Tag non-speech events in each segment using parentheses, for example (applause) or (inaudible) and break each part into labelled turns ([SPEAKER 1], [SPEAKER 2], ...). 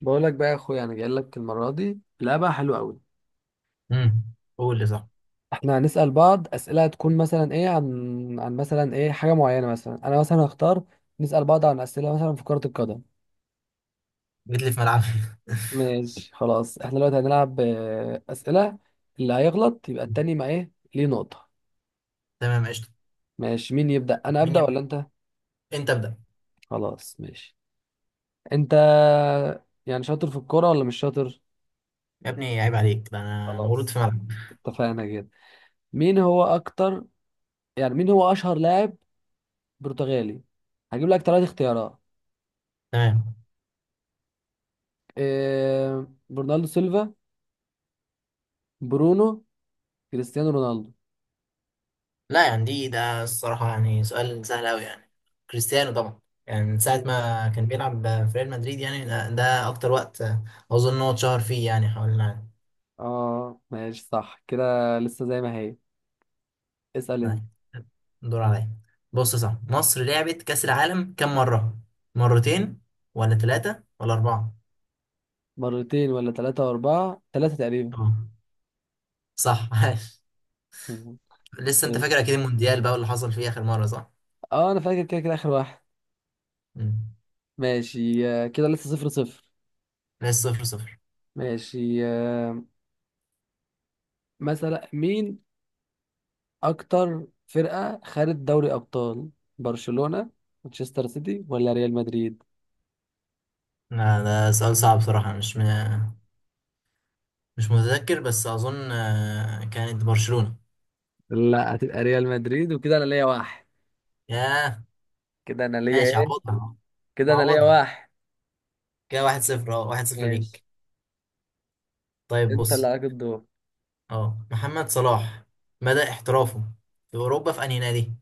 [SPEAKER 1] بقول لك بقى يا اخويا، انا جاي لك المره دي لعبه حلوه قوي.
[SPEAKER 2] امم قول لي صح.
[SPEAKER 1] احنا هنسال بعض اسئله. هتكون مثلا ايه عن مثلا ايه حاجه معينه. مثلا انا مثلا هختار نسال بعض عن اسئله مثلا في كره القدم.
[SPEAKER 2] جيت لي في ملعبي.
[SPEAKER 1] ماشي خلاص، احنا دلوقتي هنلعب اسئله. اللي هيغلط يبقى
[SPEAKER 2] (laughs)
[SPEAKER 1] التاني ما ايه ليه نقطه.
[SPEAKER 2] تمام، قشطة.
[SPEAKER 1] ماشي، مين يبدا؟ انا
[SPEAKER 2] مين
[SPEAKER 1] ابدا
[SPEAKER 2] يبدأ؟
[SPEAKER 1] ولا انت؟
[SPEAKER 2] انت ابدأ.
[SPEAKER 1] خلاص ماشي. انت يعني شاطر في الكوره ولا مش شاطر؟
[SPEAKER 2] يا ابني، عيب عليك، ده انا مولود في
[SPEAKER 1] خلاص،
[SPEAKER 2] ملعب.
[SPEAKER 1] اتفقنا كده. مين هو اكتر، يعني مين هو اشهر لاعب برتغالي؟ هجيب لك ثلاث اختيارات.
[SPEAKER 2] تمام.
[SPEAKER 1] برناردو سيلفا، برونو، كريستيانو رونالدو؟
[SPEAKER 2] لا، يعني ده الصراحة يعني سؤال سهل قوي يعني. كريستيانو طبعا. يعني من ساعة
[SPEAKER 1] ماشي.
[SPEAKER 2] ما كان بيلعب في ريال مدريد يعني ده اكتر وقت اظن ان هو اتشهر فيه يعني حوالين العالم.
[SPEAKER 1] اه ماشي صح كده، لسه زي ما هي. اسأل انت.
[SPEAKER 2] لا، دور عليا. بص، صح، مصر لعبت كأس العالم كم مرة؟ مرتين ولا ثلاثة ولا أربعة؟
[SPEAKER 1] مرتين ولا ثلاثة وأربعة؟ ثلاثة تقريبا.
[SPEAKER 2] اه، صح. (laughs)
[SPEAKER 1] مهم.
[SPEAKER 2] لسه انت فاكر
[SPEAKER 1] ماشي.
[SPEAKER 2] اكيد المونديال بقى اللي حصل فيه اخر مره صح؟
[SPEAKER 1] اه انا فاكر كده كده اخر واحد.
[SPEAKER 2] مم.
[SPEAKER 1] ماشي كده لسه صفر صفر.
[SPEAKER 2] لسه صفر صفر.
[SPEAKER 1] ماشي مثلا مين اكتر فرقة خدت دوري ابطال؟ برشلونة، مانشستر سيتي، ولا ريال مدريد؟
[SPEAKER 2] لا، ده سؤال صعب بصراحه، مش متذكر، بس اظن كانت برشلونه.
[SPEAKER 1] لا، هتبقى ريال مدريد. وكده انا ليا واحد.
[SPEAKER 2] ياه.
[SPEAKER 1] كده انا ليا
[SPEAKER 2] ماشي،
[SPEAKER 1] ايه؟
[SPEAKER 2] عوضها.
[SPEAKER 1] كده انا ليا
[SPEAKER 2] عوضها.
[SPEAKER 1] واحد.
[SPEAKER 2] كده 1-0، واحد صفر
[SPEAKER 1] ماشي،
[SPEAKER 2] ليك طيب
[SPEAKER 1] انت اللي
[SPEAKER 2] بص،
[SPEAKER 1] عليك الدور.
[SPEAKER 2] اه محمد صلاح مدى احترافه في اوروبا في انهي نادي؟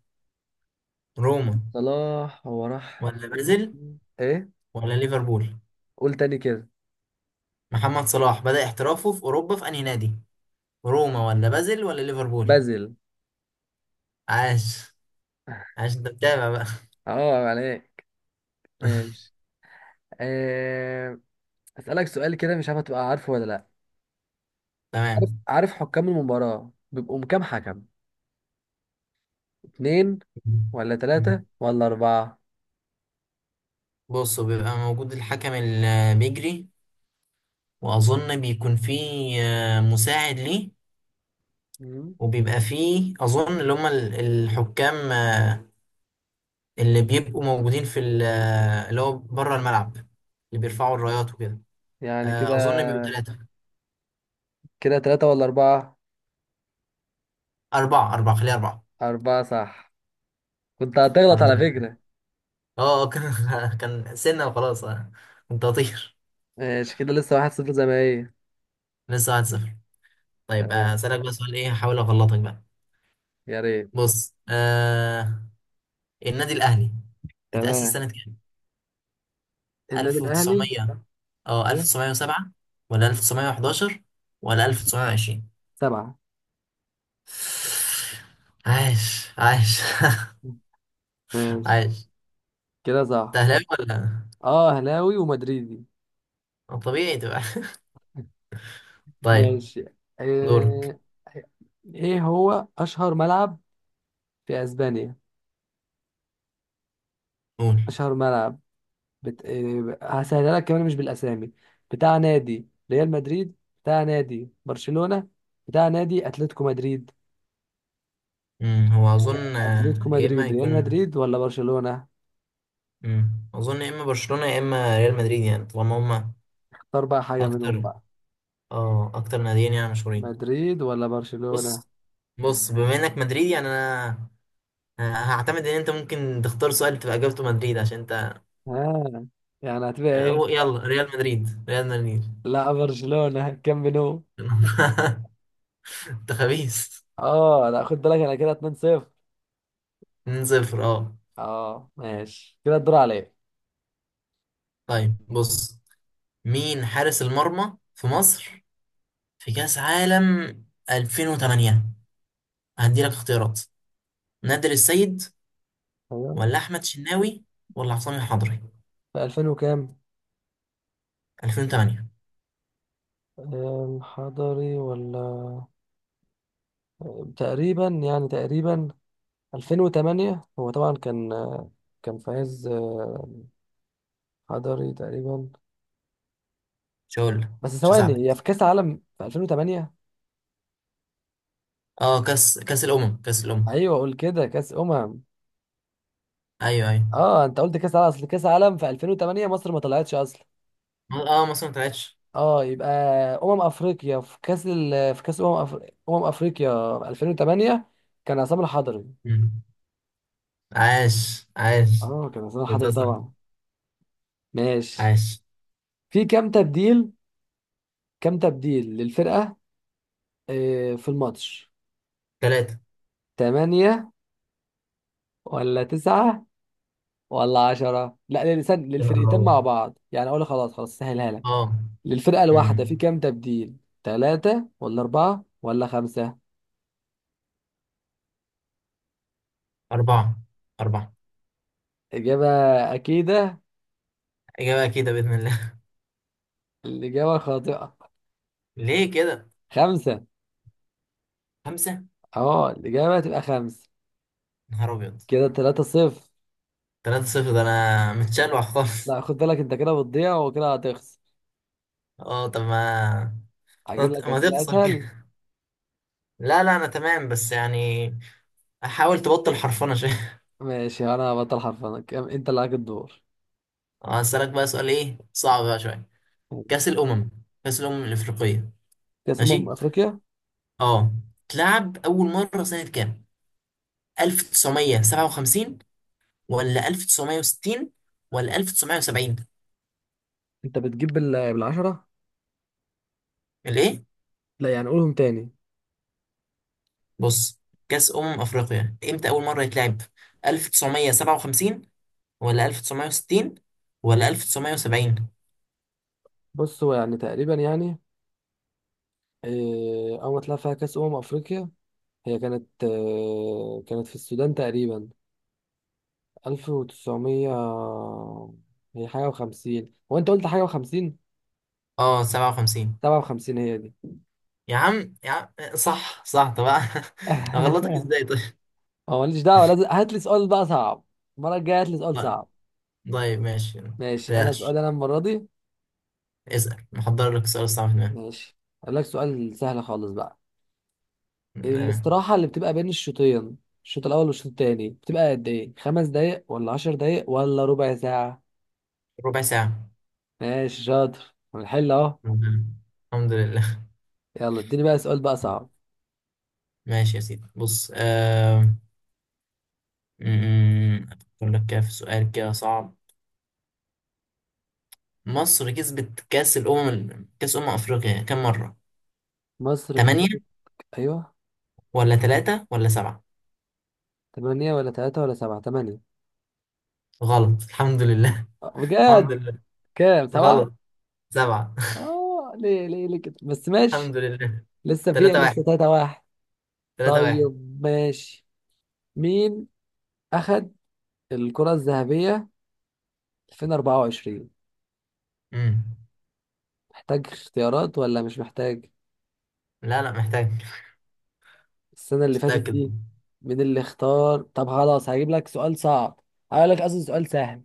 [SPEAKER 2] روما
[SPEAKER 1] صلاح هو راح
[SPEAKER 2] ولا بازل
[SPEAKER 1] تشيلسي. ايه،
[SPEAKER 2] ولا ليفربول؟
[SPEAKER 1] قول تاني كده.
[SPEAKER 2] محمد صلاح بدأ احترافه في اوروبا في انهي نادي؟ روما ولا بازل ولا ليفربول؟
[SPEAKER 1] بازل.
[SPEAKER 2] عاش، عاش. انت متابع بقى.
[SPEAKER 1] اه عليك.
[SPEAKER 2] (laughs)
[SPEAKER 1] ماشي آه... اسالك سؤال كده، مش عارف هتبقى عارفه ولا لا. عارف
[SPEAKER 2] تمام.
[SPEAKER 1] عارف حكام المباراة بيبقوا كام حكم؟ اتنين ولا
[SPEAKER 2] مم.
[SPEAKER 1] تلاتة ولا أربعة؟
[SPEAKER 2] بص، بيبقى موجود الحكم اللي بيجري، وأظن بيكون فيه مساعد ليه،
[SPEAKER 1] مم.
[SPEAKER 2] وبيبقى فيه أظن اللي هم الحكام، اللي بيبقوا موجودين في اللي هو بره الملعب، اللي بيرفعوا الرايات وكده.
[SPEAKER 1] يعني كده،
[SPEAKER 2] أظن بيبقوا ثلاثة.
[SPEAKER 1] كده تلاتة ولا أربعة؟
[SPEAKER 2] أربعة، أربعة، خليها أربعة.
[SPEAKER 1] أربعة صح. كنت هتغلط
[SPEAKER 2] الحمد
[SPEAKER 1] على
[SPEAKER 2] لله.
[SPEAKER 1] فكرة.
[SPEAKER 2] أه آه، كان (laughs) كان سنة وخلاص. كنت هطير.
[SPEAKER 1] ماشي، كده لسه واحد صفر زي ما هي.
[SPEAKER 2] لسه 1-0. طيب،
[SPEAKER 1] تمام،
[SPEAKER 2] أسألك بقى سؤال إيه، هحاول أغلطك بقى.
[SPEAKER 1] يا ريت.
[SPEAKER 2] بص النادي الاهلي اتأسس
[SPEAKER 1] تمام.
[SPEAKER 2] سنة كام؟
[SPEAKER 1] النادي الاهلي؟
[SPEAKER 2] 1900؟ اه 1907 ولا 1911 ولا 1920؟
[SPEAKER 1] سبعة.
[SPEAKER 2] عايش، عايش. (laughs)
[SPEAKER 1] ماشي،
[SPEAKER 2] عايش.
[SPEAKER 1] كده صح.
[SPEAKER 2] تهلاوي ولا؟
[SPEAKER 1] اه اهلاوي ومدريدي.
[SPEAKER 2] طبيعي تبقى. طيب.
[SPEAKER 1] ماشي
[SPEAKER 2] دورك.
[SPEAKER 1] آه، ايه هو اشهر ملعب في اسبانيا؟
[SPEAKER 2] قول.
[SPEAKER 1] اشهر ملعب بت... آه، هسهلها لك كمان مش بالاسامي. بتاع نادي ريال مدريد، بتاع نادي برشلونة، بتاع نادي اتلتيكو مدريد؟
[SPEAKER 2] هو اظن
[SPEAKER 1] اتلتيكو
[SPEAKER 2] يا اما
[SPEAKER 1] مدريد، ريال
[SPEAKER 2] يكون.
[SPEAKER 1] مدريد، ولا برشلونة؟
[SPEAKER 2] اظن يا اما برشلونة يا اما ريال مدريد، يعني طالما هما
[SPEAKER 1] اختار بقى حاجة منهم
[SPEAKER 2] اكتر.
[SPEAKER 1] بقى.
[SPEAKER 2] اه اكتر ناديين يعني مشهورين.
[SPEAKER 1] مدريد ولا برشلونة؟
[SPEAKER 2] بص بص بما انك مدريدي يعني انا هعتمد ان انت ممكن تختار سؤال تبقى اجابته مدريد عشان انت.
[SPEAKER 1] ها، يعني هتبقى ايه؟
[SPEAKER 2] يلا ريال مدريد، ريال مدريد.
[SPEAKER 1] لا، برشلونة كامب نو.
[SPEAKER 2] (laughs) انت خبيث.
[SPEAKER 1] اه لا، خد بالك، انا كده 2-0.
[SPEAKER 2] 2-0. اه
[SPEAKER 1] اه ماشي، كده الدور عليا.
[SPEAKER 2] طيب بص، مين حارس المرمى في مصر في كأس عالم 2008؟ هدي لك اختيارات. نادر السيد
[SPEAKER 1] ايوه.
[SPEAKER 2] ولا احمد شناوي ولا حسام الحضري؟
[SPEAKER 1] في 2000 وكام؟
[SPEAKER 2] 2008.
[SPEAKER 1] حضري ولا؟ تقريبا يعني تقريبا. 2008 هو طبعا كان، كان فايز حضري تقريبا.
[SPEAKER 2] مش هقول لك.
[SPEAKER 1] بس
[SPEAKER 2] مش
[SPEAKER 1] ثواني، هي
[SPEAKER 2] هساعدك.
[SPEAKER 1] في كاس عالم في 2008؟
[SPEAKER 2] كاس الامم، كاس الامم.
[SPEAKER 1] ايوه قول كده، كاس امم.
[SPEAKER 2] ايوه، ايوه.
[SPEAKER 1] اه انت قلت كاس عالم، اصل كاس عالم في 2008 مصر ما طلعتش اصلا.
[SPEAKER 2] اه، مصر ما طلعتش.
[SPEAKER 1] اه، يبقى افريقيا في في كاس افريقيا 2008 كان عصام الحضري.
[SPEAKER 2] مم. عاش، عاش.
[SPEAKER 1] اه كان عصام
[SPEAKER 2] يبقى
[SPEAKER 1] الحضري
[SPEAKER 2] صح.
[SPEAKER 1] طبعا. ماشي.
[SPEAKER 2] عاش.
[SPEAKER 1] في كام تبديل؟ كام تبديل للفرقة في الماتش؟
[SPEAKER 2] ثلاثة.
[SPEAKER 1] 8 ولا 9 ولا 10؟ لا
[SPEAKER 2] يا نهار
[SPEAKER 1] للفرقتين
[SPEAKER 2] أبيض.
[SPEAKER 1] مع بعض يعني. اقول خلاص، سهلها لك.
[SPEAKER 2] اه
[SPEAKER 1] للفرقة الواحدة في
[SPEAKER 2] امم
[SPEAKER 1] كام تبديل؟ 3 ولا 4 ولا 5؟
[SPEAKER 2] أربعة، أربعة.
[SPEAKER 1] إجابة أكيدة؟
[SPEAKER 2] إجابة أكيدة بإذن الله.
[SPEAKER 1] الإجابة خاطئة.
[SPEAKER 2] (laughs) ليه كده؟
[SPEAKER 1] خمسة.
[SPEAKER 2] خمسة؟
[SPEAKER 1] اه الإجابة تبقى خمسة.
[SPEAKER 2] نهار أبيض.
[SPEAKER 1] كده تلاتة صفر.
[SPEAKER 2] 3-0، ده أنا (laughs) متشلوح خالص.
[SPEAKER 1] لا خد بالك، أنت كده بتضيع وكده هتخسر.
[SPEAKER 2] اه، طب ما
[SPEAKER 1] هجيب لك
[SPEAKER 2] ما
[SPEAKER 1] أسئلة
[SPEAKER 2] تخسر
[SPEAKER 1] أسهل.
[SPEAKER 2] كده. (laughs) لا، لا، أنا تمام بس يعني حاول تبطل حرفنة شوية.
[SPEAKER 1] ماشي أنا هبطل حرفنك. أنت اللي عليك الدور.
[SPEAKER 2] (laughs) هسألك بقى سؤال إيه صعب بقى شوية.
[SPEAKER 1] ماشي.
[SPEAKER 2] كأس الأمم كأس الأمم الإفريقية.
[SPEAKER 1] كأس أمم
[SPEAKER 2] ماشي؟
[SPEAKER 1] أفريقيا.
[SPEAKER 2] اه. اتلعب أول مرة سنة كام؟ 1957 ولا 1960 ولا 1970؟
[SPEAKER 1] أنت بتجيب بالعشرة.
[SPEAKER 2] الايه؟
[SPEAKER 1] لا يعني، قولهم تاني.
[SPEAKER 2] بص، كأس أمم أفريقيا امتى أول مرة يتلعب؟ 1957 ولا 1960 ولا 1970؟
[SPEAKER 1] بص، هو يعني تقريبا يعني أول ما طلع فيها كأس أمم أفريقيا هي كانت كانت في السودان تقريبا. 1900، هي حاجة وخمسين. هو أنت قلت حاجة وخمسين.
[SPEAKER 2] اه، 57.
[SPEAKER 1] 57 هي دي.
[SPEAKER 2] يا عم، يا عم، صح، صح. طب (laughs) اغلطك
[SPEAKER 1] (laughs)
[SPEAKER 2] ازاي طيب.
[SPEAKER 1] هو ماليش دعوه، لازم هات لي سؤال بقى صعب. المره الجايه هات لي سؤال
[SPEAKER 2] طيب،
[SPEAKER 1] صعب.
[SPEAKER 2] طيب، ماشي.
[SPEAKER 1] ماشي انا
[SPEAKER 2] بلاش.
[SPEAKER 1] سؤال انا المره دي.
[SPEAKER 2] اسأل، محضر لك السؤال الصعب هنا.
[SPEAKER 1] ماشي، اقول لك سؤال سهل خالص بقى.
[SPEAKER 2] آه،
[SPEAKER 1] الاستراحه اللي بتبقى بين الشوطين، الشوط الاول والشوط التاني، بتبقى قد ايه؟ خمس دقايق ولا عشر دقايق ولا ربع ساعه؟
[SPEAKER 2] ربع ساعة.
[SPEAKER 1] ماشي شاطر، هنحل اهو.
[SPEAKER 2] الحمد لله. الحمد لله.
[SPEAKER 1] يلا اديني بقى سؤال بقى صعب.
[SPEAKER 2] ماشي يا سيدي، بص م- أفكر لك كده في سؤال كده صعب. مصر كسبت كأس أمم أفريقيا كم مرة؟
[SPEAKER 1] مصر كسبت؟
[SPEAKER 2] تمانية
[SPEAKER 1] ايوه.
[SPEAKER 2] ولا تلاتة ولا سبعة؟
[SPEAKER 1] 8 ولا 3 ولا 7؟ 8.
[SPEAKER 2] غلط. الحمد لله. (laughs) الحمد
[SPEAKER 1] بجد؟
[SPEAKER 2] لله.
[SPEAKER 1] كام؟ 7.
[SPEAKER 2] غلط. سبعة.
[SPEAKER 1] اه ليه ليه ليه كده بس،
[SPEAKER 2] (laughs)
[SPEAKER 1] ماشي.
[SPEAKER 2] الحمد لله.
[SPEAKER 1] لسه فيها،
[SPEAKER 2] تلاتة
[SPEAKER 1] لسه
[SPEAKER 2] واحد.
[SPEAKER 1] 3 1.
[SPEAKER 2] تلاتة واحد.
[SPEAKER 1] طيب ماشي. مين أخد الكرة الذهبية 2024؟
[SPEAKER 2] مم.
[SPEAKER 1] محتاج اختيارات ولا مش محتاج؟
[SPEAKER 2] لا، لا، محتاج.
[SPEAKER 1] السنة اللي
[SPEAKER 2] مش
[SPEAKER 1] فاتت
[SPEAKER 2] متأكد.
[SPEAKER 1] دي. مين اللي اختار؟ طب خلاص هجيب لك سؤال صعب. هقول لك، قصدي سؤال سهل.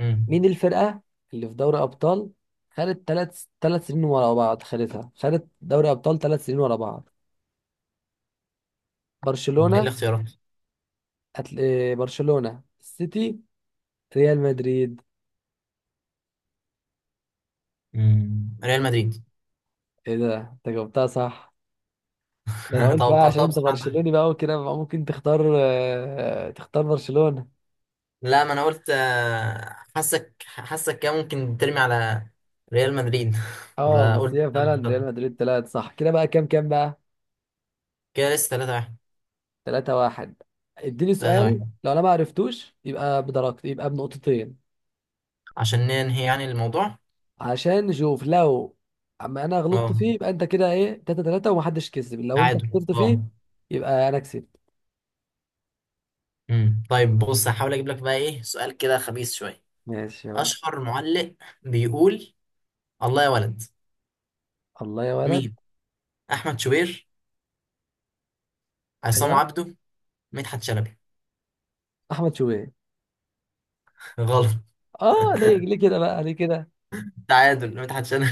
[SPEAKER 2] مم.
[SPEAKER 1] مين الفرقة اللي في دوري أبطال خدت ثلاث سنين ورا بعض؟ خدتها، خدت دوري أبطال ثلاث سنين ورا بعض.
[SPEAKER 2] مم. إيه
[SPEAKER 1] برشلونة،
[SPEAKER 2] الاختيارات؟
[SPEAKER 1] أتل... إيه، برشلونة، السيتي، ريال مدريد؟
[SPEAKER 2] مم. ريال مدريد.
[SPEAKER 1] ايه ده، انت جاوبتها صح. ده انا
[SPEAKER 2] (laughs)
[SPEAKER 1] قلت بقى عشان
[SPEAKER 2] توقعتها
[SPEAKER 1] انت
[SPEAKER 2] بصراحة أنت-
[SPEAKER 1] برشلوني بقى، وكده بقى ممكن تختار تختار برشلونة.
[SPEAKER 2] لا، ما أنا قلت حاسك كده ممكن ترمي على ريال مدريد. (laughs)
[SPEAKER 1] اه بس
[SPEAKER 2] فقلت.
[SPEAKER 1] هي فعلا ريال مدريد طلعت صح. كده بقى كام كام بقى؟
[SPEAKER 2] كده لسه 3-1.
[SPEAKER 1] 3 1. اديني
[SPEAKER 2] تلاتة
[SPEAKER 1] سؤال،
[SPEAKER 2] واحد.
[SPEAKER 1] لو انا ما عرفتوش يبقى بدرجتي، يبقى بنقطتين،
[SPEAKER 2] عشان ننهي يعني الموضوع.
[SPEAKER 1] عشان نشوف. لو اما انا غلطت
[SPEAKER 2] اه،
[SPEAKER 1] فيه يبقى انت كده ايه 3 3، ومحدش كسب. لو انت
[SPEAKER 2] تعادل،
[SPEAKER 1] خسرت فيه
[SPEAKER 2] اه.
[SPEAKER 1] يبقى انا كسبت.
[SPEAKER 2] طيب بص، هحاول اجيب لك بقى ايه سؤال كده خبيث شويه.
[SPEAKER 1] ماشي يلا.
[SPEAKER 2] اشهر معلق بيقول الله يا ولد.
[SPEAKER 1] الله يا ولد.
[SPEAKER 2] مين؟ احمد شوبير؟ عصام
[SPEAKER 1] ايوه.
[SPEAKER 2] عبده؟ مدحت شلبي؟
[SPEAKER 1] احمد شوبير.
[SPEAKER 2] (laughs) غلط.
[SPEAKER 1] اه
[SPEAKER 2] (laughs)
[SPEAKER 1] ليه ليه كده بقى، ليه كده؟
[SPEAKER 2] تعادل. مدحت شلبي.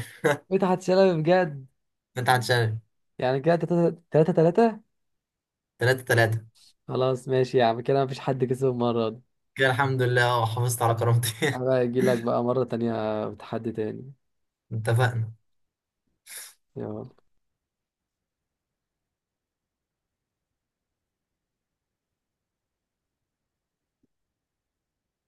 [SPEAKER 1] مدحت شلبي؟ بجد؟
[SPEAKER 2] مدحت شلبي.
[SPEAKER 1] يعني كده 3 3.
[SPEAKER 2] 3-3.
[SPEAKER 1] خلاص ماشي يا عم، كده مفيش حد كسب المرة دي.
[SPEAKER 2] كده الحمد لله، اه، حافظت على كرامتي. (laughs)
[SPEAKER 1] هبقى اجي لك بقى مرة تانية بتحدي تاني.
[SPEAKER 2] اتفقنا.
[SPEAKER 1] يلا.